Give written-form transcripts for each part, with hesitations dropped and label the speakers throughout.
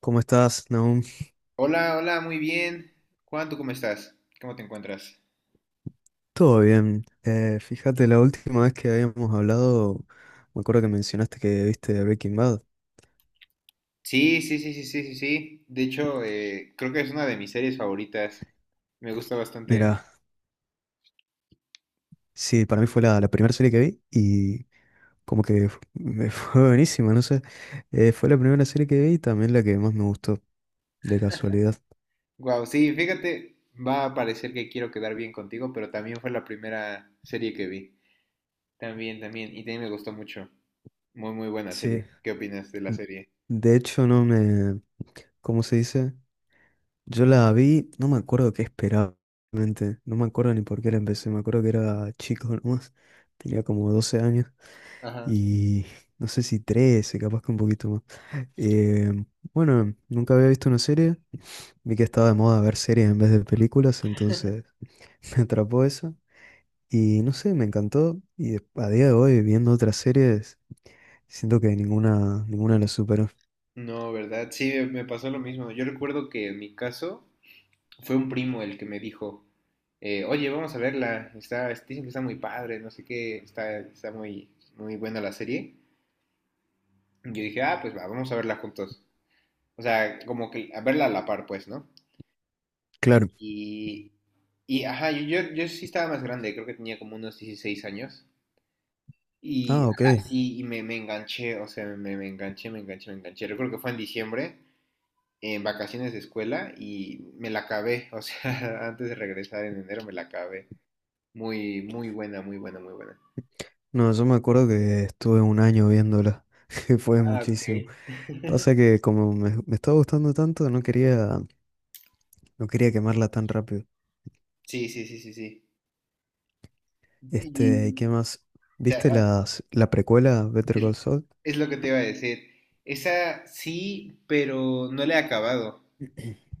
Speaker 1: ¿Cómo estás, Nahum?
Speaker 2: Hola, hola, muy bien. Juan, ¿tú cómo estás? ¿Cómo te encuentras?
Speaker 1: Todo bien. Fíjate, la última vez que habíamos hablado, me acuerdo que mencionaste que viste Breaking Bad.
Speaker 2: Sí, sí, sí, sí, sí, sí, sí. De hecho, creo que es una de mis series favoritas. Me gusta bastante.
Speaker 1: Mira, sí, para mí fue la primera serie que vi y como que me fue buenísima, no sé. Fue la primera serie que vi y también la que más me gustó, de casualidad.
Speaker 2: Wow, sí, fíjate, va a parecer que quiero quedar bien contigo, pero también fue la primera serie que vi. También, también. Y también me gustó mucho. Muy, muy buena serie.
Speaker 1: Sí.
Speaker 2: ¿Qué opinas de la serie?
Speaker 1: De hecho, no me... ¿Cómo se dice? Yo la vi, no me acuerdo qué esperaba, realmente. No me acuerdo ni por qué la empecé, me acuerdo que era chico nomás, tenía como 12 años.
Speaker 2: Ajá.
Speaker 1: Y no sé si 13, capaz que un poquito más. Eh, bueno, nunca había visto una serie, vi que estaba de moda ver series en vez de películas, entonces me atrapó eso y no sé, me encantó y a día de hoy viendo otras series siento que ninguna, ninguna la superó.
Speaker 2: No, ¿verdad? Sí, me pasó lo mismo. Yo recuerdo que en mi caso, fue un primo el que me dijo, oye, vamos a verla, está, dicen que está muy padre, no sé qué, está muy, muy buena la serie. Y yo dije, ah, pues va, vamos a verla juntos. O sea, como que a verla a la par, pues, ¿no? Y,
Speaker 1: Claro.
Speaker 2: y, y, ajá, yo sí estaba más grande, creo que tenía como unos 16 años. Y
Speaker 1: Ah, ok.
Speaker 2: así, y me enganché, o sea, me enganché, me enganché, me enganché. Recuerdo que fue en diciembre, en vacaciones de escuela, y me la acabé, o sea, antes de regresar en enero me la acabé. Muy, muy buena, muy buena, muy buena.
Speaker 1: No, yo me acuerdo que estuve un año viéndola, que fue
Speaker 2: Ah, ok.
Speaker 1: muchísimo. Pasa que como me estaba gustando tanto, no quería, no quería quemarla tan rápido.
Speaker 2: Sí, sí, sí, sí, sí. Y
Speaker 1: Este, ¿y qué más? ¿Viste
Speaker 2: ah,
Speaker 1: las, la precuela Better
Speaker 2: es,
Speaker 1: Call Saul?
Speaker 2: es lo que te iba a decir. Esa sí, pero no la he acabado.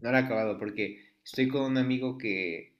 Speaker 2: No la he acabado porque estoy con un amigo que,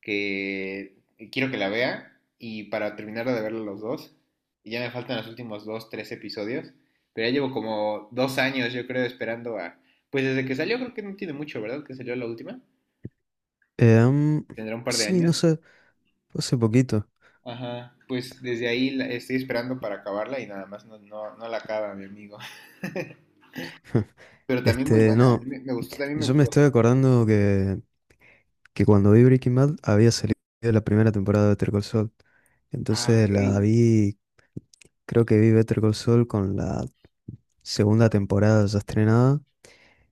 Speaker 2: que quiero que la vea y para terminar de verla los dos, y ya me faltan los últimos dos, tres episodios, pero ya llevo como 2 años, yo creo, esperando a... Pues desde que salió, creo que no tiene mucho, ¿verdad? Que salió la última.
Speaker 1: Em,
Speaker 2: Tendrá un par de
Speaker 1: sí, no
Speaker 2: años.
Speaker 1: sé, fue hace poquito.
Speaker 2: Ajá, pues desde ahí estoy esperando para acabarla y nada más no, no, no la acaba, mi amigo. Pero también muy
Speaker 1: Este,
Speaker 2: buena, a mí
Speaker 1: no,
Speaker 2: me gustó, también me
Speaker 1: yo me
Speaker 2: gustó
Speaker 1: estoy
Speaker 2: bastante.
Speaker 1: acordando que, cuando vi Breaking Bad había salido la primera temporada de Better Call Saul.
Speaker 2: Ah, ok.
Speaker 1: Entonces la vi, creo que vi Better Call Saul con la segunda temporada ya estrenada.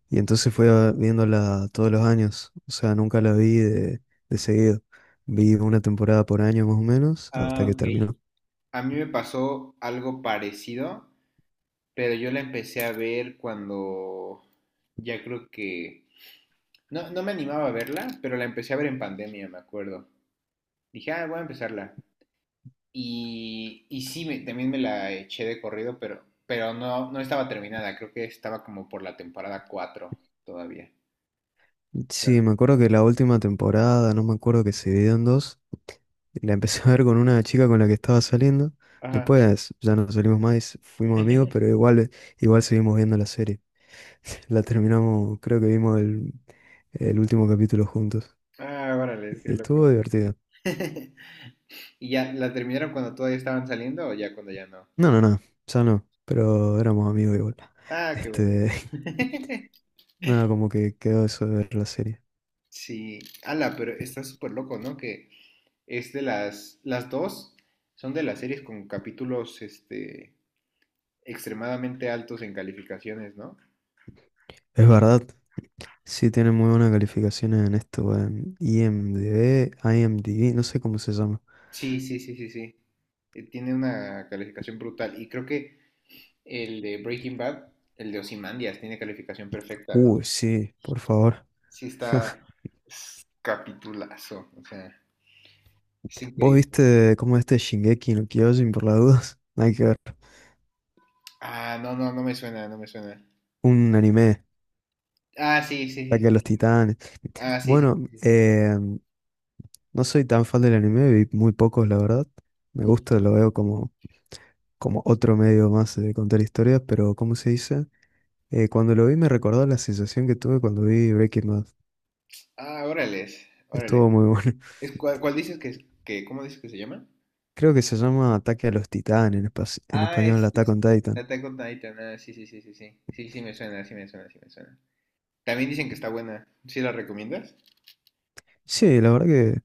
Speaker 1: Y entonces viéndola todos los años, o sea, nunca la vi de seguido. Vi una temporada por año más o menos hasta
Speaker 2: Ah,
Speaker 1: que
Speaker 2: ok.
Speaker 1: terminó.
Speaker 2: A mí me pasó algo parecido, pero yo la empecé a ver cuando ya creo que... No, no me animaba a verla, pero la empecé a ver en pandemia, me acuerdo. Dije, ah, voy a empezarla. Y sí, también me la eché de corrido, pero no, no estaba terminada, creo que estaba como por la temporada 4 todavía. O sea,
Speaker 1: Sí, me acuerdo que la última temporada, no me acuerdo que se dividió en dos, la empecé a ver con una chica con la que estaba saliendo.
Speaker 2: ajá.
Speaker 1: Después ya no salimos más, fuimos amigos, pero igual, igual seguimos viendo la serie. La terminamos, creo que vimos el último capítulo juntos.
Speaker 2: Ah, órale, qué
Speaker 1: Y estuvo
Speaker 2: loco.
Speaker 1: divertido.
Speaker 2: ¿Y ya la terminaron cuando todavía estaban saliendo o ya cuando ya no?
Speaker 1: No, no, no, ya no, pero éramos amigos igual.
Speaker 2: Ah, qué bueno.
Speaker 1: Este, nada, como que quedó eso de ver la serie.
Speaker 2: Sí, ala, pero está súper loco, ¿no? Que es de las dos son de las series con capítulos, este, extremadamente altos en calificaciones, ¿no?
Speaker 1: Es verdad, sí tiene muy buenas calificaciones en esto, en IMDb, IMDb, no sé cómo se llama.
Speaker 2: Sí, sí, sí, sí, sí. Tiene una calificación brutal y creo que el de Breaking Bad, el de Ozymandias, tiene calificación perfecta, ¿no?
Speaker 1: Uy, sí, por favor.
Speaker 2: Sí está es capitulazo, o sea, es
Speaker 1: ¿Vos
Speaker 2: increíble.
Speaker 1: viste cómo este Shingeki no Kyojin por las dudas? Nada que ver.
Speaker 2: Ah, no, no, no me suena, no me suena.
Speaker 1: Un anime.
Speaker 2: Ah, sí, sí,
Speaker 1: Ataque
Speaker 2: sí.
Speaker 1: a los
Speaker 2: Sí.
Speaker 1: Titanes.
Speaker 2: Ah, sí, sí,
Speaker 1: Bueno,
Speaker 2: sí, sí.
Speaker 1: no soy tan fan del anime, vi muy pocos, la verdad. Me gusta, lo veo como otro medio más de contar historias, pero ¿cómo se dice? Cuando lo vi me recordó la sensación que tuve cuando vi Breaking Bad.
Speaker 2: Ah, órales, órales.
Speaker 1: Estuvo muy bueno.
Speaker 2: ¿Cuál, cuál dices que, cómo dices que se llama?
Speaker 1: Creo que se llama Ataque a los Titanes, en
Speaker 2: Ah,
Speaker 1: español
Speaker 2: es,
Speaker 1: Attack
Speaker 2: es
Speaker 1: on Titan.
Speaker 2: Attack on Titan, ah, sí, sí, sí, sí, sí. Sí, sí me suena, sí me suena, sí me suena. También dicen que está buena. ¿Sí la recomiendas?
Speaker 1: Sí,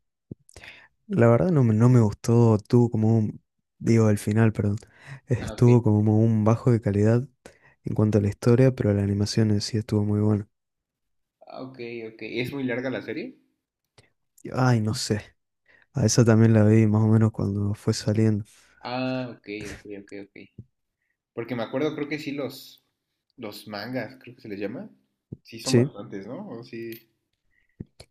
Speaker 1: la verdad no me gustó, tuvo como un, digo, el final, perdón,
Speaker 2: Ah, ok.
Speaker 1: estuvo como un bajo de calidad en cuanto a la historia, pero la animación en sí estuvo muy buena.
Speaker 2: Ah, ok, ok. ¿Es muy larga la serie?
Speaker 1: Ay, no sé. A esa también la vi más o menos cuando fue saliendo.
Speaker 2: Ah, ok, ok, ok, ok, Porque me acuerdo, creo que sí, los mangas, creo que se les llama. Sí, son
Speaker 1: Sí,
Speaker 2: bastantes, ¿no? O sí, sí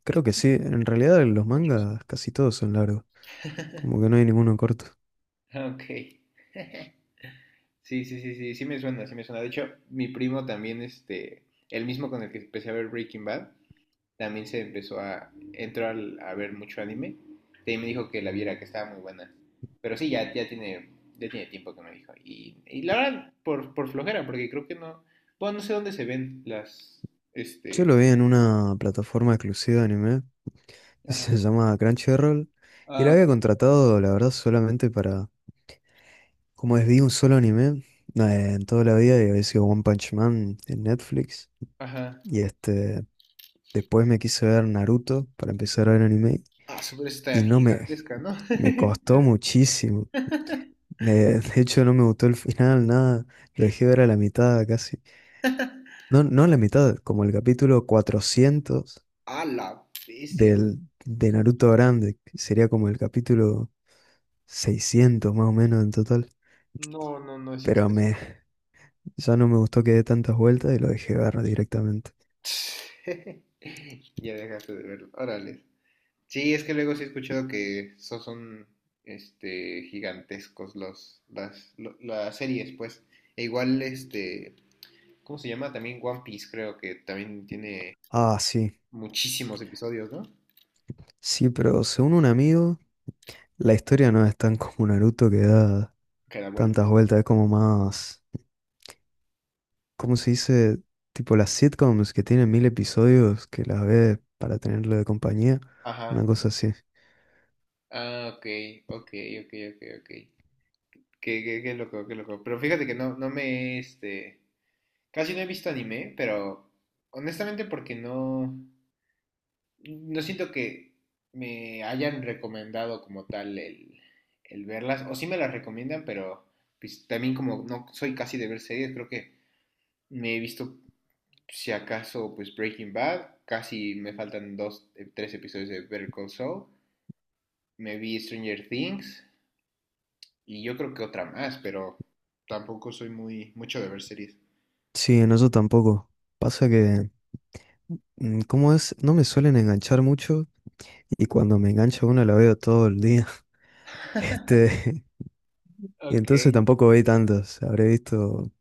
Speaker 1: creo
Speaker 2: están
Speaker 1: que sí.
Speaker 2: bien
Speaker 1: En realidad los
Speaker 2: chonchos.
Speaker 1: mangas casi todos son largos. Como que no hay ninguno corto.
Speaker 2: Ah, ok. Sí, sí, sí, sí, sí me suena, sí me suena. De hecho, mi primo también, este, el mismo con el que empecé a ver Breaking Bad, también se empezó a ver mucho anime. Y me dijo que la viera, que estaba muy buena. Pero sí, ya tiene tiempo que me dijo. Y la verdad, por flojera, porque creo que no, bueno, no sé dónde se ven las,
Speaker 1: Yo
Speaker 2: este,
Speaker 1: lo vi en una plataforma exclusiva de anime que se
Speaker 2: Ajá.
Speaker 1: llama Crunchyroll. Y la
Speaker 2: Ah,
Speaker 1: había contratado, la verdad, solamente para... Como es, vi un solo anime en toda la vida y había sido One Punch Man en Netflix.
Speaker 2: ajá.
Speaker 1: Y este... Después me quise ver Naruto para empezar a ver anime
Speaker 2: Ah, super está
Speaker 1: y no me,
Speaker 2: gigantesca, ¿no?
Speaker 1: me costó muchísimo.
Speaker 2: Está-
Speaker 1: De hecho, no me gustó el final, nada. Lo dejé ver a la mitad casi. No, no a la mitad, como el capítulo 400
Speaker 2: A la bestia.
Speaker 1: del, de Naruto Grande, que sería como el capítulo 600 más o menos en total.
Speaker 2: No, no, no es
Speaker 1: Pero
Speaker 2: exceso.
Speaker 1: ya no me gustó que dé tantas vueltas y lo dejé ver directamente.
Speaker 2: Ya dejaste de verlo. Órale. Sí, es que luego sí he escuchado que son este gigantescos las series, pues. E igual este, ¿cómo se llama? También One Piece, creo que también tiene
Speaker 1: Ah, sí.
Speaker 2: muchísimos episodios, ¿no?
Speaker 1: Sí, pero según un amigo, la historia no es tan como Naruto que da
Speaker 2: Cada
Speaker 1: tantas
Speaker 2: vuelta.
Speaker 1: vueltas. Es como más, ¿cómo se dice? Tipo las sitcoms que tienen 1.000 episodios que las ves para tenerlo de compañía,
Speaker 2: Ajá.
Speaker 1: una cosa así.
Speaker 2: Ah, ok, ok, ok, ok, ok. Qué loco, qué loco. Pero fíjate que no, este, casi no he visto anime, pero honestamente porque no, no siento que me hayan recomendado como tal el verlas, o sí me las recomiendan, pero pues también como no soy casi de ver series, creo que me he visto, si acaso, pues Breaking Bad, casi me faltan dos, tres episodios de Better Call Saul, me vi Stranger Things, y yo creo que otra más, pero tampoco soy muy, mucho de ver series.
Speaker 1: Sí, en eso tampoco. Pasa que, ¿cómo es? No me suelen enganchar mucho y cuando me engancha una la veo todo el día. Este, y
Speaker 2: Ok.
Speaker 1: entonces tampoco vi tantas. Habré visto,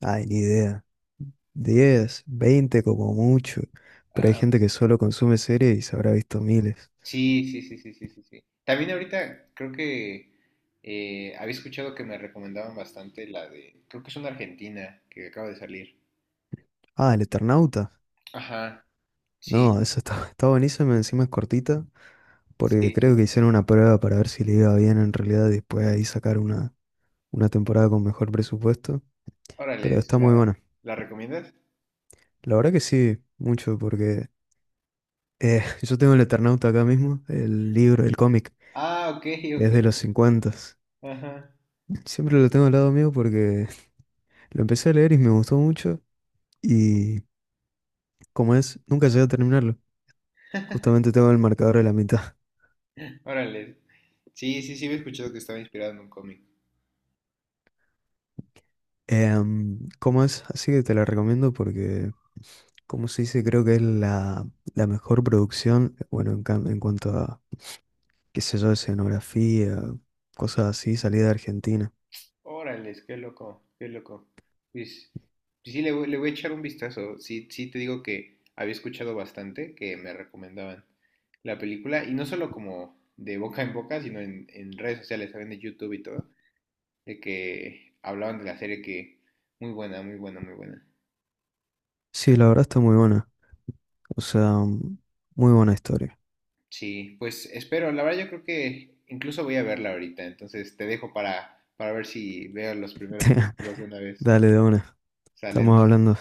Speaker 1: ay, ni idea, 10, 20 como mucho. Pero hay
Speaker 2: Ah,
Speaker 1: gente que
Speaker 2: ok.
Speaker 1: solo consume series y se habrá visto miles.
Speaker 2: Sí, sí, sí, sí, sí, sí, sí. También ahorita creo que había escuchado que me recomendaban bastante la de, creo que es una argentina que acaba de salir.
Speaker 1: Ah, El Eternauta.
Speaker 2: Ajá, sí,
Speaker 1: No, esa está, está buenísima, encima es cortita. Porque
Speaker 2: sí, sí.
Speaker 1: creo que hicieron una prueba para ver si le iba bien en realidad y después ahí sacar una temporada con mejor presupuesto. Pero
Speaker 2: Órale, sí,
Speaker 1: está muy
Speaker 2: ¿la,
Speaker 1: buena.
Speaker 2: la recomiendas?
Speaker 1: La verdad que sí, mucho, porque yo tengo el Eternauta acá mismo, el libro, el cómic,
Speaker 2: Ah, ok,
Speaker 1: que es de los
Speaker 2: ok.
Speaker 1: 50.
Speaker 2: Ajá,
Speaker 1: Siempre lo tengo al lado mío porque lo empecé a leer y me gustó mucho. Y como es, nunca llegué a terminarlo. Justamente tengo el marcador a la mitad.
Speaker 2: órale. Sí, sí, sí, había escuchado que estaba inspirado en un cómic.
Speaker 1: ¿Cómo es? Así que te la recomiendo porque, como se dice, creo que es la mejor producción, bueno, en cuanto a, qué sé yo, escenografía, cosas así, salida de Argentina.
Speaker 2: Órales, qué loco, qué loco. Pues, pues sí, le voy a echar un vistazo. Sí, sí, te digo que había escuchado bastante que me recomendaban la película, y no solo como de boca en boca, sino en redes sociales, saben, de YouTube y todo, de que hablaban de la serie que muy buena, muy buena, muy buena.
Speaker 1: Sí, la verdad está muy buena, o sea, muy buena historia.
Speaker 2: Sí, pues espero, la verdad yo creo que incluso voy a verla ahorita, entonces te dejo para ver si veo los primeros capítulos de una vez.
Speaker 1: Dale de una,
Speaker 2: Salen.
Speaker 1: estamos hablando.